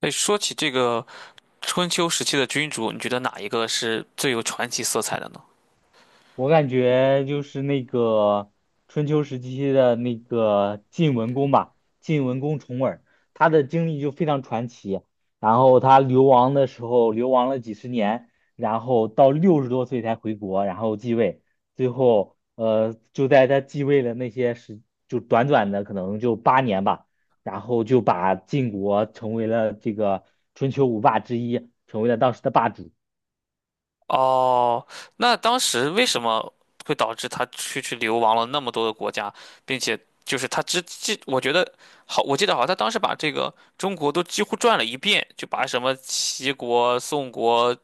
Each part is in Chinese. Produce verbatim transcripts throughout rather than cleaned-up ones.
哎，说起这个春秋时期的君主，你觉得哪一个是最有传奇色彩的呢？我感觉就是那个春秋时期的那个晋文公吧，晋文公重耳，他的经历就非常传奇。然后他流亡的时候，流亡了几十年，然后到六十多岁才回国，然后继位。最后，呃，就在他继位的那些时，就短短的可能就八年吧，然后就把晋国成为了这个春秋五霸之一，成为了当时的霸主。哦，那当时为什么会导致他去去流亡了那么多的国家，并且就是他只记，我觉得好，我记得好像他当时把这个中国都几乎转了一遍，就把什么齐国、宋国、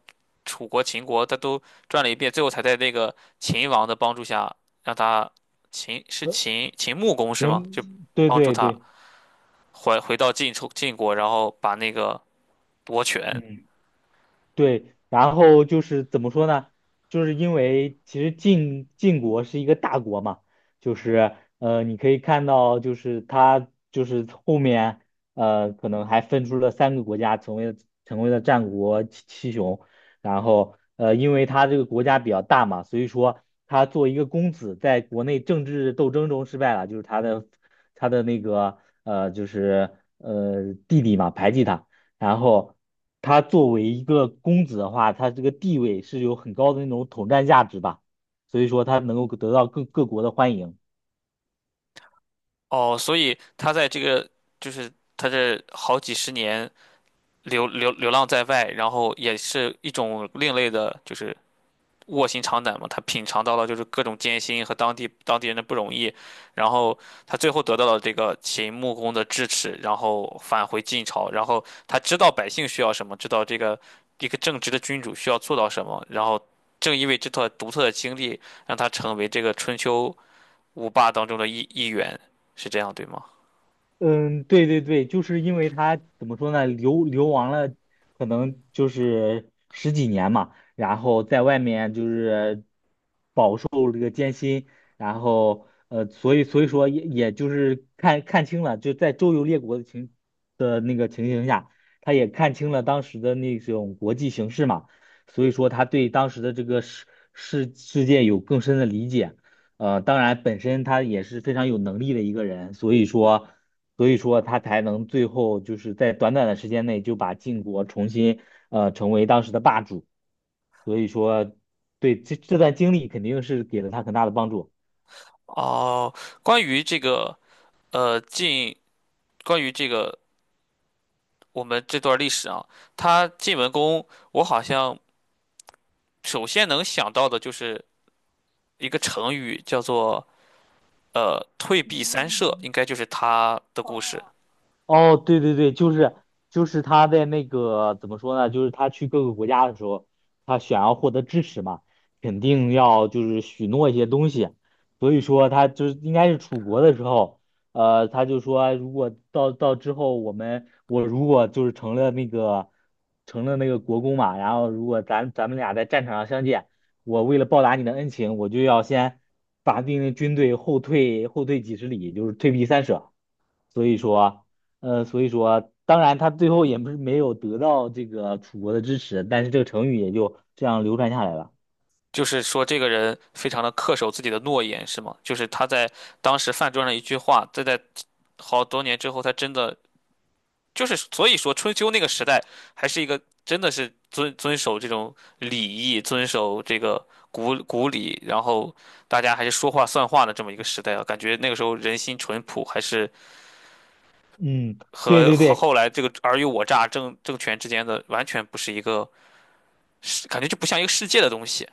楚国、秦国，他都转了一遍，最后才在那个秦王的帮助下，让他秦是呃，秦秦穆公是吗？就行，对帮助对他对，回回到晋楚晋国，然后把那个夺权。嗯。对，然后就是怎么说呢？就是因为其实晋晋国是一个大国嘛，就是呃，你可以看到，就是他就是后面呃，可能还分出了三个国家，成为了成为了战国七七雄。然后呃，因为他这个国家比较大嘛，所以说他作为一个公子，在国内政治斗争中失败了，就是他的他的那个呃，就是呃弟弟嘛排挤他。然后他作为一个公子的话，他这个地位是有很高的那种统战价值吧，所以说他能够得到各各国的欢迎。哦，所以他在这个就是他这好几十年流流流浪在外，然后也是一种另类的，就是卧薪尝胆嘛，他品尝到了就是各种艰辛和当地当地人的不容易，然后他最后得到了这个秦穆公的支持，然后返回晋朝，然后他知道百姓需要什么，知道这个一个正直的君主需要做到什么，然后正因为这段独特的经历，让他成为这个春秋五霸当中的一一员，是这样对吗？嗯，对对对，就是因为他怎么说呢，流流亡了，可能就是十几年嘛，然后在外面就是。然后呃，所以所以说也也就是看看清了，就在周游列国的情的那个情形下，他也看清了当时的那种国际形势嘛，所以说他对当时的这个世世世界有更深的理解。呃，当然本身他也是非常有能力的一个人，所以说所以说他才能最后就是在短短的时间内就把晋国重新呃成为当时的霸主。所以说，对这这段经历肯定是给了他很大的帮助。哦，关于这个呃晋，关于这个我们这段历史啊，他晋文公，我好像。首先能想到的就是一个成语，叫做呃“退避三舍”，应该就是他的故事。哦，对对对，就是就是他在那个怎么说呢？就是他去各个国家的时候，他想要获得支持嘛，肯定要就是许诺一些东西。所以说他就是应该是楚国的时候，呃，他就说如果到到之后我们我如果就是成了那个成了那个国公嘛，然后如果咱咱们俩在战场上相见，我为了报答你的恩情，我就要先把命令军队后退后退几十里，就是退避三舍。所以说。呃，所以说，当然他最后也不是没有得到这个楚国的支持，但是这个成语也就这样流传下来了。就是说，这个人非常的恪守自己的诺言，是吗？就是他在当时饭桌上一句话，这在好多年之后，他真的就是，所以说春秋那个时代还是一个真的是遵遵守这种礼义、遵守这个古古礼，然后大家还是说话算话的这么一个时代啊。感觉那个时候人心淳朴，还是。嗯，对和对和对，后来这个尔虞我诈政政权之间的完全不是一个世，感觉就不像一个世界的东西。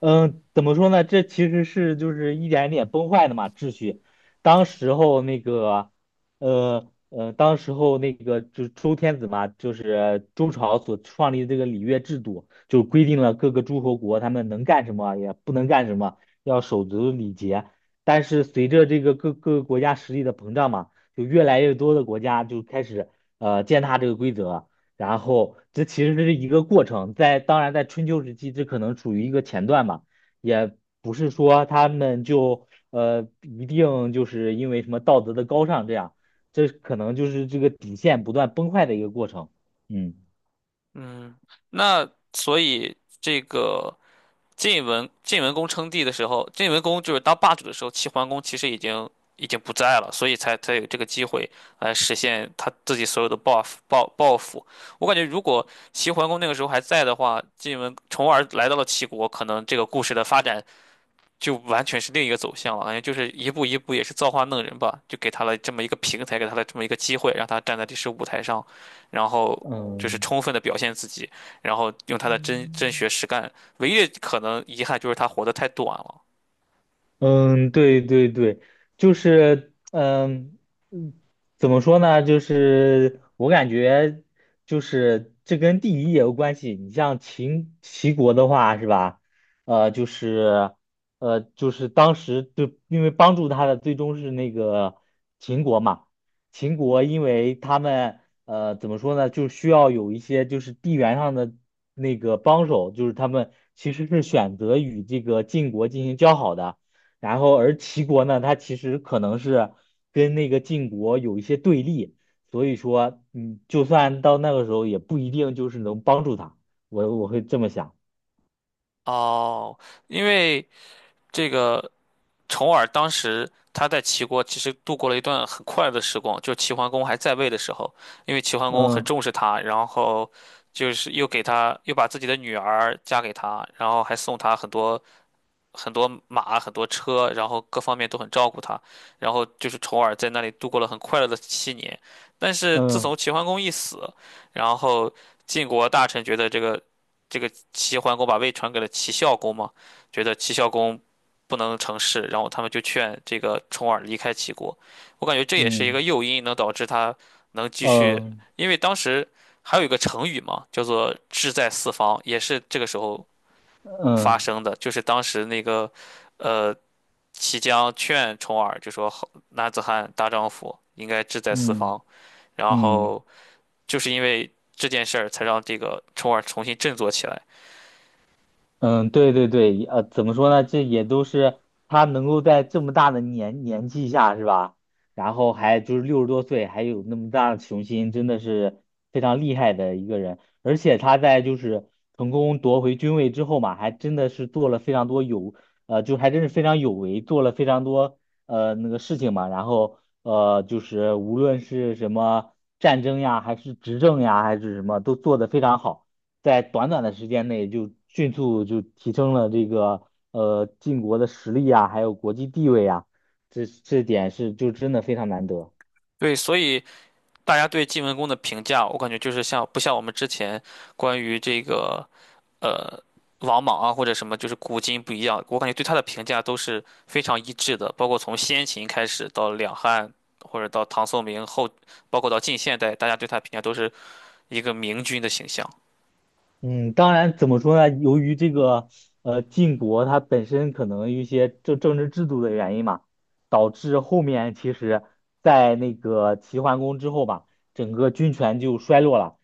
嗯，怎么说呢？这其实是就是一点一点崩坏的嘛，秩序。当时候那个，呃呃，当时候那个就是周天子嘛，就是周朝所创立的这个礼乐制度，就规定了各个诸侯国他们能干什么，也不能干什么，要守足礼节。但是随着这个各各个国家实力的膨胀嘛，就越来越多的国家就开始呃践踏这个规则，然后这其实是一个过程，在当然在春秋时期，这可能处于一个前段吧，也不是说他们就呃一定就是因为什么道德的高尚这样，这可能就是这个底线不断崩坏的一个过程。嗯嗯，那所以这个晋文晋文公称帝的时候，晋文公就是当霸主的时候，齐桓公其实已经已经不在了，所以才才有这个机会来实现他自己所有的报复报报复。我感觉如果齐桓公那个时候还在的话，晋文从而来到了齐国，可能这个故事的发展就完全是另一个走向了，感觉就是一步一步也是造化弄人吧，就给他了这么一个平台，给他了这么一个机会，让他站在历史舞台上，然后就是嗯，充分的表现自己，然后用他的真真嗯。学实干。唯一的可能遗憾就是他活得太短了。嗯，对对对，就是嗯，嗯怎么说呢？就是我感觉，就是这跟地理也有关系。你像秦齐国的话，是吧？呃，就是呃，就是当时就因为帮助他的最终是那个秦国嘛。秦国因为他们呃怎么说呢，就需要有一些就是地缘上的那个帮手，就是他们其实是选择与这个晋国进行交好的。然后而齐国呢，它其实可能是跟那个晋国有一些对立，所以说，嗯，就算到那个时候，也不一定就是能帮助他。我我会这么想，哦，因为这个重耳当时他在齐国其实度过了一段很快乐的时光，就齐桓公还在位的时候，因为齐桓公很嗯重视他，然后就是又给他又把自己的女儿嫁给他，然后还送他很多很多马、很多车，然后各方面都很照顾他，然后就是重耳在那里度过了很快乐的七年。但是自嗯从齐桓公一死，然后晋国大臣觉得这个这个齐桓公把位传给了齐孝公嘛，觉得齐孝公不能成事，然后他们就劝这个重耳离开齐国。我感觉这也是一个嗯诱因，能导致他能继嗯续，嗯因为当时还有一个成语嘛，叫做“志在四方”，也是这个时候发嗯生的，就是当时那个呃齐姜劝重耳，就说好男子汉大丈夫应该志在四嗯。方，然嗯后就是因为这件事儿才让这个重耳重新振作起来。嗯，对对对，呃，怎么说呢？这也都是他能够在这么大的年年纪下，是吧？然后还就是六十多岁，还有那么大的雄心，真的是非常厉害的一个人。而且他在就是成功夺回军位之后嘛，还真的是做了非常多有，呃，就还真是非常有为，做了非常多呃那个事情嘛。然后呃，就是无论是什么战争呀，还是执政呀，还是什么，都做得非常好。在短短的时间内就迅速就提升了这个呃晋国的实力啊，还有国际地位啊，这这点是就真的非常难得。对，所以大家对晋文公的评价，我感觉就是像不像我们之前关于这个呃王莽啊或者什么，就是古今不一样。我感觉对他的评价都是非常一致的，包括从先秦开始到两汉，或者到唐宋明后，包括到近现代，大家对他评价都是一个明君的形象。嗯，当然，怎么说呢？由于这个呃晋国它本身可能一些政政治制度的原因嘛，导致后面其实，在那个齐桓公之后吧，整个军权就衰落了，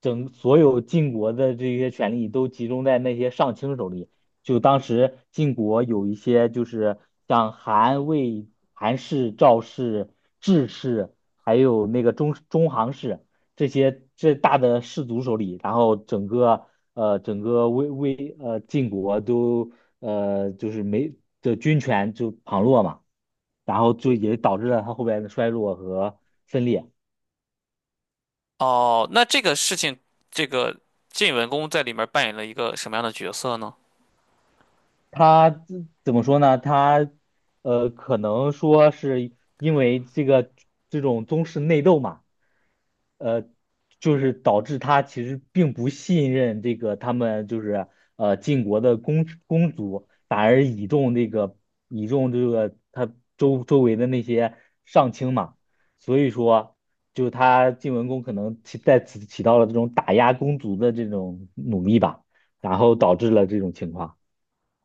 整所有晋国的这些权力都集中在那些上卿手里。就当时晋国有一些就是像韩魏、韩氏、赵氏、智氏，还有那个中中行氏。这些这大的氏族手里，然后整个呃整个魏魏呃晋国都呃就是没的军权就旁落嘛，然后就也导致了他后边的衰落和分裂。哦，那这个事情，这个晋文公在里面扮演了一个什么样的角色呢？他自怎么说呢？他呃，可能说是因为这个这种宗室内斗嘛，呃，就是导致他其实并不信任这个他们就是呃晋国的公公族，反而倚重这个倚重这个他周周围的那些上卿嘛，所以说就他晋文公可能起在此起到了这种打压公族的这种努力吧，然后导致了这种情况。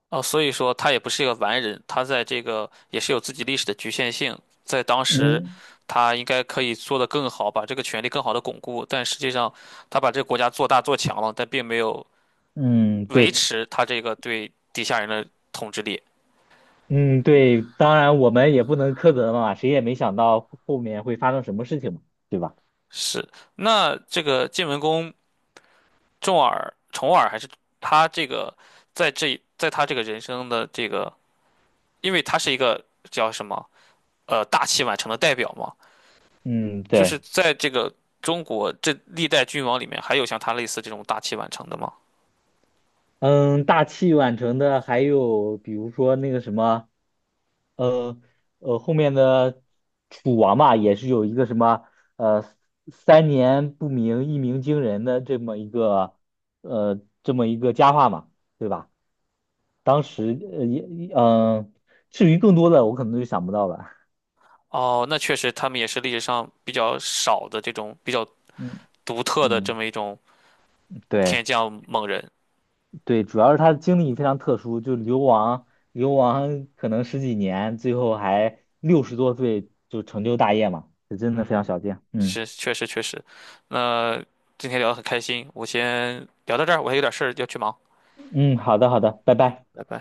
哦，所以说他也不是一个完人，他在这个也是有自己历史的局限性，在当时，嗯。他应该可以做得更好，把这个权力更好的巩固，但实际上他把这个国家做大做强了，但并没有嗯，维对，持他这个对底下人的统治力。嗯，对，当然我们也不能苛责嘛，谁也没想到后后面会发生什么事情嘛，对吧？是，那这个晋文公重耳、重耳还是他这个在这在他这个人生的这个，因为他是一个叫什么呃大器晚成的代表嘛。嗯，就是对，在这个中国这历代君王里面，还有像他类似这种大器晚成的吗？嗯，大器晚成的还有比如说那个什么，呃呃，后面的楚王嘛，也是有一个什么呃三年不鸣，一鸣惊人的这么一个呃这么一个佳话嘛，对吧？当时呃也嗯、呃至于更多的我可能就想不到了，哦，那确实，他们也是历史上比较少的这种比较嗯独特的这嗯，么一种对。天降猛人。对，主要是他的经历非常特殊，就流亡流亡可能十几年，最后还六十多岁就成就大业嘛，这真的非常嗯，少见。嗯是，确实确实。那今天聊得很开心，我先聊到这儿，我还有点事儿要去忙。嗯，好的好的，拜嗯，拜。拜拜。